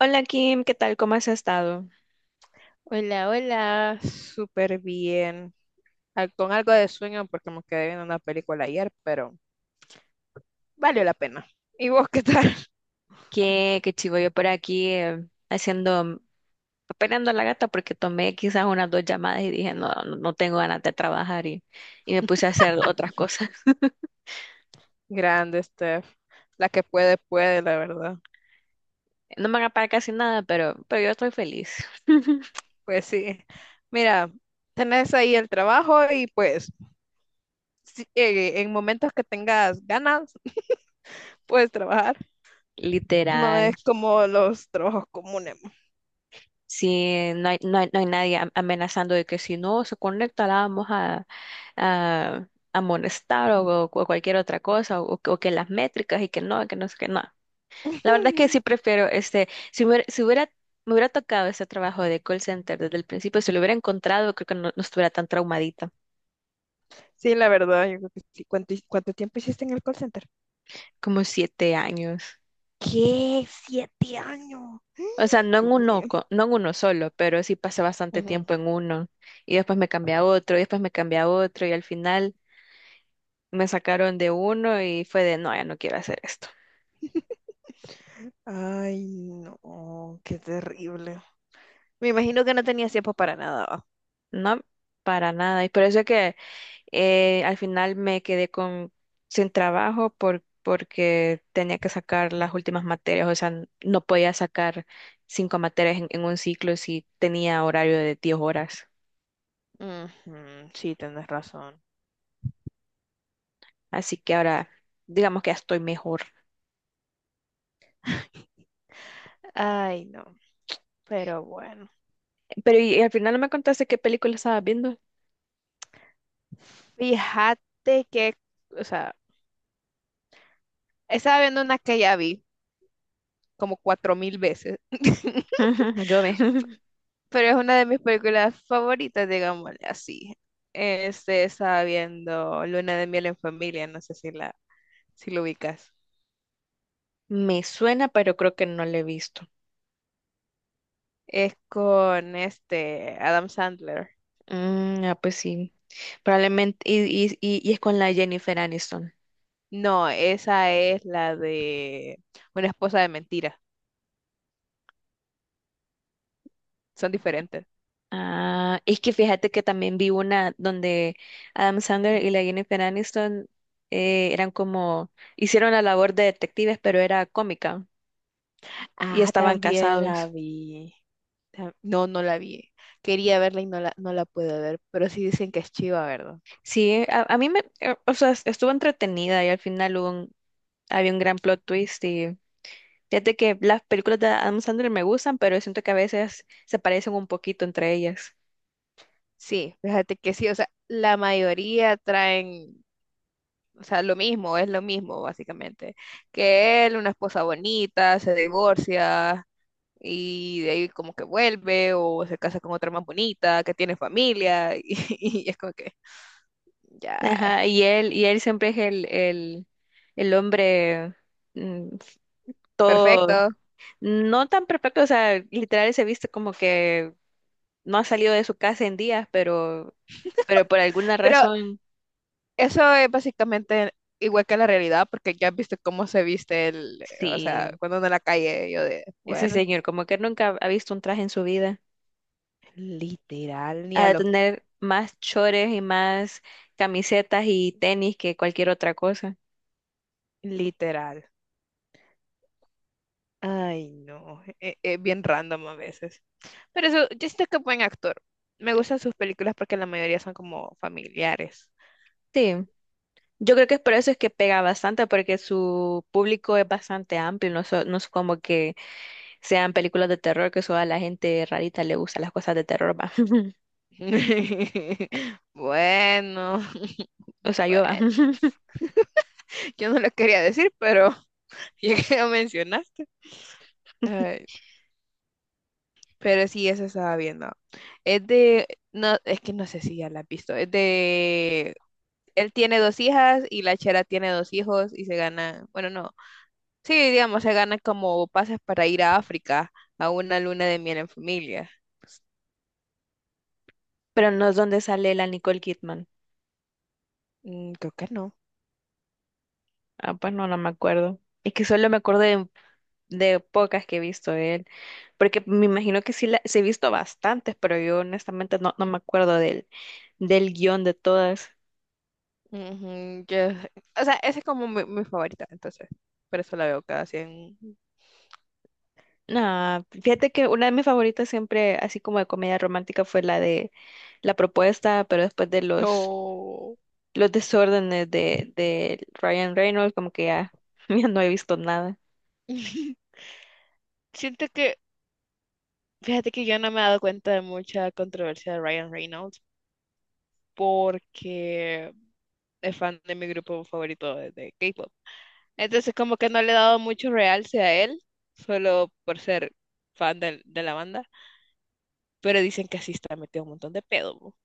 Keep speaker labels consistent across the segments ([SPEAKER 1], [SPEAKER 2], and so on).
[SPEAKER 1] Hola Kim, ¿qué tal? ¿Cómo has estado?
[SPEAKER 2] Hola, hola, súper bien. Con algo de sueño porque me quedé viendo una película ayer, pero valió la pena. ¿Y vos qué tal?
[SPEAKER 1] Qué chivo yo por aquí, haciendo, peleando a la gata porque tomé quizás unas dos llamadas y dije, no, no, no tengo ganas de trabajar, y me puse a hacer otras cosas.
[SPEAKER 2] Grande, Steph. La que puede, puede, la verdad.
[SPEAKER 1] No me van a pagar casi nada, pero yo estoy feliz.
[SPEAKER 2] Pues sí. Mira, tenés ahí el trabajo y pues sí, en momentos que tengas ganas, puedes trabajar. No
[SPEAKER 1] Literal.
[SPEAKER 2] es como los trabajos comunes.
[SPEAKER 1] Sí, no hay nadie amenazando de que si no se conecta la vamos a a amonestar, o cualquier otra cosa, o que las métricas y que no sé qué, no. La verdad es que sí prefiero, si me, hubiera, si hubiera- me hubiera tocado ese trabajo de call center desde el principio. Si lo hubiera encontrado, creo que no, no estuviera tan traumadita,
[SPEAKER 2] Sí, la verdad, yo creo que sí. ¿Cuánto tiempo hiciste en el call center?
[SPEAKER 1] como 7 años.
[SPEAKER 2] ¿Qué? ¿7 años?
[SPEAKER 1] O sea, no en
[SPEAKER 2] Dios
[SPEAKER 1] uno,
[SPEAKER 2] mío.
[SPEAKER 1] no en uno solo, pero sí pasé bastante
[SPEAKER 2] Ujú.
[SPEAKER 1] tiempo en uno y después me cambié a otro y después me cambié a otro y al final me sacaron de uno y fue de, no, ya no quiero hacer esto.
[SPEAKER 2] Ay, no, qué terrible. Me imagino que no tenía tiempo para nada, ¿va?
[SPEAKER 1] No, para nada. Y por eso que, al final me quedé con, sin trabajo por, porque tenía que sacar las últimas materias. O sea, no podía sacar cinco materias en un ciclo si tenía horario de 10 horas.
[SPEAKER 2] Ujú, sí, tienes razón.
[SPEAKER 1] Así que ahora, digamos que ya estoy mejor.
[SPEAKER 2] Ay, no, pero bueno.
[SPEAKER 1] Pero y al final no me contaste qué película estabas viendo.
[SPEAKER 2] Fíjate que, o sea, estaba viendo una que ya vi como 4000 veces,
[SPEAKER 1] Yo ve.
[SPEAKER 2] pero es una de mis películas favoritas, digámosle así. Este, estaba viendo Luna de miel en familia, no sé si si lo ubicas.
[SPEAKER 1] Me suena, pero creo que no la he visto.
[SPEAKER 2] Es con este Adam Sandler.
[SPEAKER 1] Mm, ah, pues sí. Probablemente, y es con la Jennifer Aniston.
[SPEAKER 2] No, esa es la de Una esposa de mentira. Son diferentes.
[SPEAKER 1] Ah, es que fíjate que también vi una donde Adam Sandler y la Jennifer Aniston, eran como, hicieron la labor de detectives, pero era cómica y
[SPEAKER 2] Ah,
[SPEAKER 1] estaban
[SPEAKER 2] también la
[SPEAKER 1] casados.
[SPEAKER 2] vi. No, no la vi. Quería verla y no la pude ver, pero sí dicen que es chiva, ¿verdad?
[SPEAKER 1] Sí, a mí me, o sea, estuvo entretenida y al final había un gran plot twist. Y fíjate que las películas de Adam Sandler me gustan, pero siento que a veces se parecen un poquito entre ellas.
[SPEAKER 2] Sí, fíjate que sí, o sea, la mayoría traen, o sea, lo mismo, es lo mismo, básicamente. Que él, una esposa bonita, se divorcia, y de ahí como que vuelve o se casa con otra más bonita, que tiene familia, y, es como que ya,
[SPEAKER 1] Ajá, y él siempre es el hombre, mm, todo.
[SPEAKER 2] perfecto.
[SPEAKER 1] No tan perfecto, o sea, literal se viste como que no ha salido de su casa en días, pero por alguna
[SPEAKER 2] Pero
[SPEAKER 1] razón,
[SPEAKER 2] eso es básicamente igual que la realidad porque ya viste cómo se viste el, o sea,
[SPEAKER 1] sí,
[SPEAKER 2] cuando anda en la calle yo de,
[SPEAKER 1] ese
[SPEAKER 2] bueno,
[SPEAKER 1] señor como que nunca ha visto un traje en su vida.
[SPEAKER 2] literal, ni
[SPEAKER 1] Ha
[SPEAKER 2] a
[SPEAKER 1] de
[SPEAKER 2] los,
[SPEAKER 1] tener más chores y más camisetas y tenis que cualquier otra cosa.
[SPEAKER 2] literal. Ay, no, es bien random a veces. Pero eso, yo siento que es buen actor. Me gustan sus películas porque la mayoría son como familiares.
[SPEAKER 1] Sí, yo creo que es por eso es que pega bastante, porque su público es bastante amplio, no, no es como que sean películas de terror, que solo a la gente rarita le gusta las cosas de terror, va.
[SPEAKER 2] Bueno.
[SPEAKER 1] O sea, yo va.
[SPEAKER 2] Bueno, yo no lo quería decir, pero ya que lo mencionaste. Ay, pero sí, eso estaba viendo. Es de, no, es que no sé si ya la has visto. Es de, él tiene dos hijas y la chera tiene dos hijos y se gana, bueno, no. Sí, digamos, se gana como pases para ir a África a una luna de miel en familia. Pues,
[SPEAKER 1] Pero no es donde sale la Nicole Kidman.
[SPEAKER 2] mm, creo que no.
[SPEAKER 1] Ah, pues no, no me acuerdo. Es que solo me acuerdo de pocas que he visto de él. Porque me imagino que sí, sí he visto bastantes, pero yo honestamente no, no me acuerdo del guión de todas.
[SPEAKER 2] Ujú, o sea, ese es como mi favorita, entonces. Por eso la veo cada 100.
[SPEAKER 1] No, fíjate que una de mis favoritas siempre, así como de comedia romántica, fue la de La Propuesta, pero después de los,
[SPEAKER 2] No.
[SPEAKER 1] los desórdenes de Ryan Reynolds, como que ya, ya no he visto nada.
[SPEAKER 2] Siento que fíjate que yo no me he dado cuenta de mucha controversia de Ryan Reynolds porque es fan de mi grupo favorito de K-pop. Entonces como que no le he dado mucho realce a él, solo por ser fan de la banda. Pero dicen que así está metido un montón de pedo. Bo.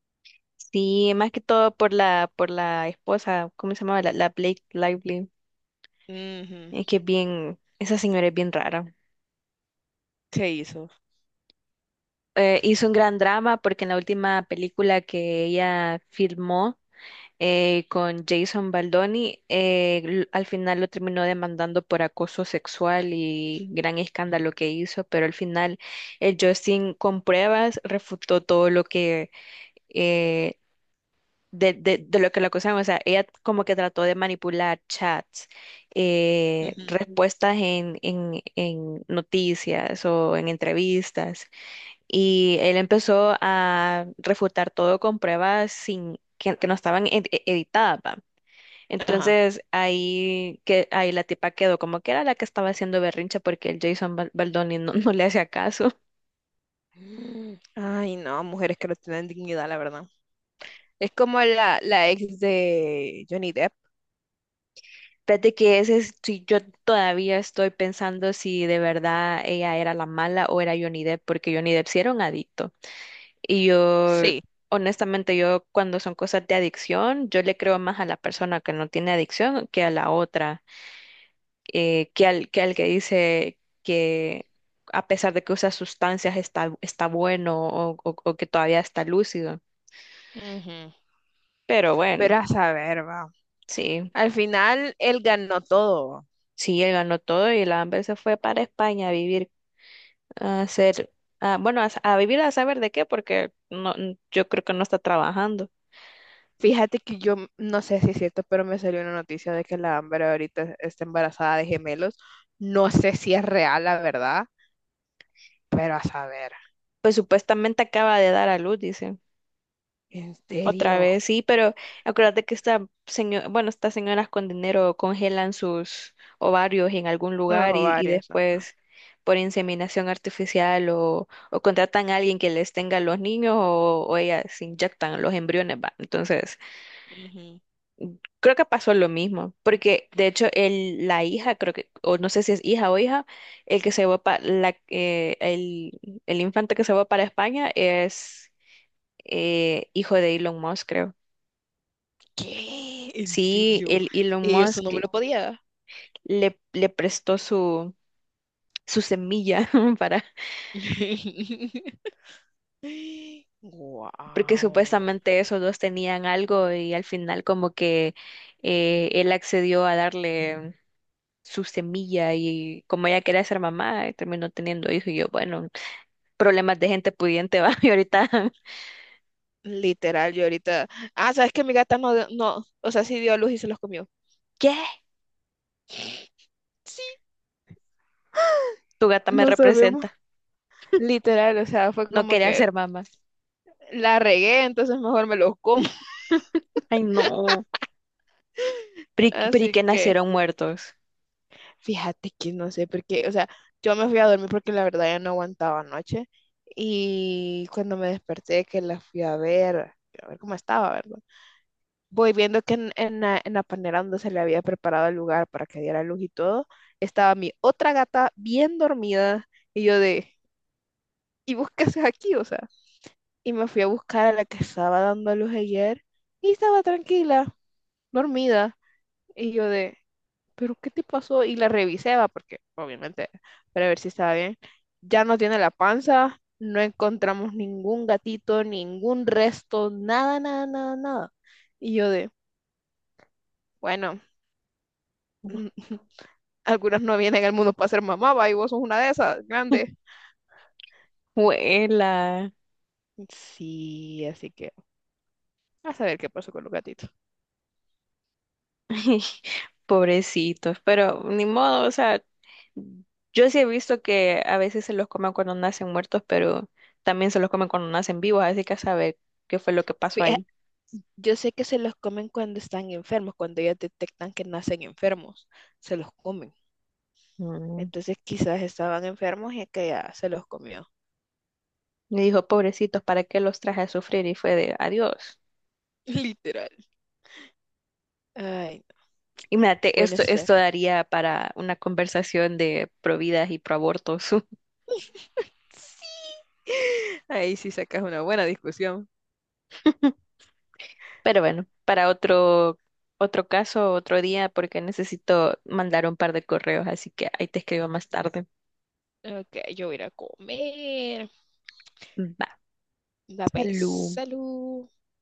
[SPEAKER 1] Sí, más que todo por la esposa. ¿Cómo se llamaba? La Blake Lively.
[SPEAKER 2] Ujú,
[SPEAKER 1] Es que es bien, esa señora es bien rara.
[SPEAKER 2] se hizo.
[SPEAKER 1] Hizo un gran drama porque en la última película que ella filmó, con Jason Baldoni, al final lo terminó demandando por acoso sexual y gran escándalo que hizo, pero al final el Justin con pruebas refutó todo lo que, eh, de lo que la acusaban. O sea, ella como que trató de manipular chats,
[SPEAKER 2] Ujú,
[SPEAKER 1] respuestas en, en noticias o en entrevistas, y él empezó a refutar todo con pruebas sin, que no estaban editadas, va.
[SPEAKER 2] ajá.
[SPEAKER 1] Entonces ahí, ahí la tipa quedó como que era la que estaba haciendo berrincha porque el Baldoni no, no le hacía caso.
[SPEAKER 2] Mm, ay, no, mujeres que no tienen dignidad, la verdad. Es como la ex de Johnny Depp.
[SPEAKER 1] Fíjate que ese es, si yo todavía estoy pensando si de verdad ella era la mala o era Johnny Depp, porque Johnny Depp sí era un adicto. Y yo,
[SPEAKER 2] Sí.
[SPEAKER 1] honestamente, yo cuando son cosas de adicción, yo le creo más a la persona que no tiene adicción que a la otra, que al, que dice que a pesar de que usa sustancias está bueno, o que todavía está lúcido.
[SPEAKER 2] Ujú.
[SPEAKER 1] Pero bueno,
[SPEAKER 2] Pero a saber, va.
[SPEAKER 1] sí,
[SPEAKER 2] Al final, él ganó todo.
[SPEAKER 1] sí, él ganó todo y la Amber se fue para España a vivir. a hacer, bueno, a vivir a saber de qué, porque no, yo creo que no está trabajando.
[SPEAKER 2] Fíjate que yo no sé si es cierto, pero me salió una noticia de que la Amber ahorita está embarazada de gemelos. No sé si es real, la verdad, pero a saber.
[SPEAKER 1] Pues supuestamente acaba de dar a luz, dice.
[SPEAKER 2] ¿En
[SPEAKER 1] Otra
[SPEAKER 2] serio?
[SPEAKER 1] vez, sí, pero acuérdate que esta señora, bueno, estas señoras con dinero congelan sus ovarios en algún lugar,
[SPEAKER 2] Bueno,
[SPEAKER 1] y
[SPEAKER 2] varios, ¿no?
[SPEAKER 1] después por inseminación artificial, o contratan a alguien que les tenga los niños, o ellas inyectan los embriones, va. Entonces,
[SPEAKER 2] Ujú.
[SPEAKER 1] creo que pasó lo mismo, porque de hecho la hija, creo que, o no sé si es hija o hija, el que se va para el infante que se va para España es, hijo de Elon Musk, creo.
[SPEAKER 2] ¿Qué? ¿En
[SPEAKER 1] Sí,
[SPEAKER 2] serio?
[SPEAKER 1] el Elon
[SPEAKER 2] Y eso no me
[SPEAKER 1] Musk
[SPEAKER 2] lo podía dar.
[SPEAKER 1] le prestó su semilla para, porque
[SPEAKER 2] Wow.
[SPEAKER 1] supuestamente esos dos tenían algo y al final como que, él accedió a darle su semilla y como ella quería ser mamá, terminó teniendo hijo y yo, bueno. Problemas de gente pudiente, va. Y ahorita,
[SPEAKER 2] Literal, yo ahorita. Ah, sabes que mi gata no, no, o sea, sí dio a luz y se los comió.
[SPEAKER 1] ¿qué?
[SPEAKER 2] Sí,
[SPEAKER 1] Tu gata me
[SPEAKER 2] no sabemos.
[SPEAKER 1] representa.
[SPEAKER 2] Literal, o sea, fue
[SPEAKER 1] No
[SPEAKER 2] como
[SPEAKER 1] quería
[SPEAKER 2] que
[SPEAKER 1] ser mamá.
[SPEAKER 2] la regué, entonces mejor me los como.
[SPEAKER 1] Ay, no. Pri, pri
[SPEAKER 2] Así
[SPEAKER 1] que
[SPEAKER 2] que
[SPEAKER 1] nacieron muertos.
[SPEAKER 2] fíjate que no sé por qué, o sea, yo me fui a dormir porque la verdad ya no aguantaba anoche y cuando me desperté que la fui a ver cómo estaba, ¿verdad? Voy viendo que en la panera donde se le había preparado el lugar para que diera luz y todo, estaba mi otra gata bien dormida y yo de, ¿y vos qué haces aquí? O sea, y me fui a buscar a la que estaba dando luz ayer y estaba tranquila, dormida. Y yo de, ¿pero qué te pasó? Y la revisé, va, porque obviamente, para ver si estaba bien. Ya no tiene la panza, no encontramos ningún gatito, ningún resto, nada, nada, nada, nada. Y yo de, bueno, algunas no vienen al mundo para ser mamá, va, y vos sos una de esas, grande.
[SPEAKER 1] Huela.
[SPEAKER 2] Sí, así que a saber qué pasó con los gatitos.
[SPEAKER 1] Pobrecitos. Pero ni modo, o sea, yo sí he visto que a veces se los comen cuando nacen muertos, pero también se los comen cuando nacen vivos, así que a saber qué fue lo que pasó
[SPEAKER 2] Fija-
[SPEAKER 1] ahí.
[SPEAKER 2] Yo sé que se los comen cuando están enfermos, cuando ya detectan que nacen enfermos, se los comen.
[SPEAKER 1] Mm.
[SPEAKER 2] Entonces quizás estaban enfermos y aquella se los comió.
[SPEAKER 1] Me dijo, pobrecitos, ¿para qué los traje a sufrir? Y fue de adiós.
[SPEAKER 2] Literal. Ay, no.
[SPEAKER 1] Imagínate,
[SPEAKER 2] Bueno,
[SPEAKER 1] esto,
[SPEAKER 2] Steph.
[SPEAKER 1] esto daría para una conversación de providas y proabortos.
[SPEAKER 2] Sí. Ahí sí sacas una buena discusión.
[SPEAKER 1] Pero bueno, para otro caso, otro día, porque necesito mandar un par de correos, así que ahí te escribo más tarde.
[SPEAKER 2] Ok, yo voy a ir a comer.
[SPEAKER 1] Va,
[SPEAKER 2] La vez.
[SPEAKER 1] salud.
[SPEAKER 2] Salud.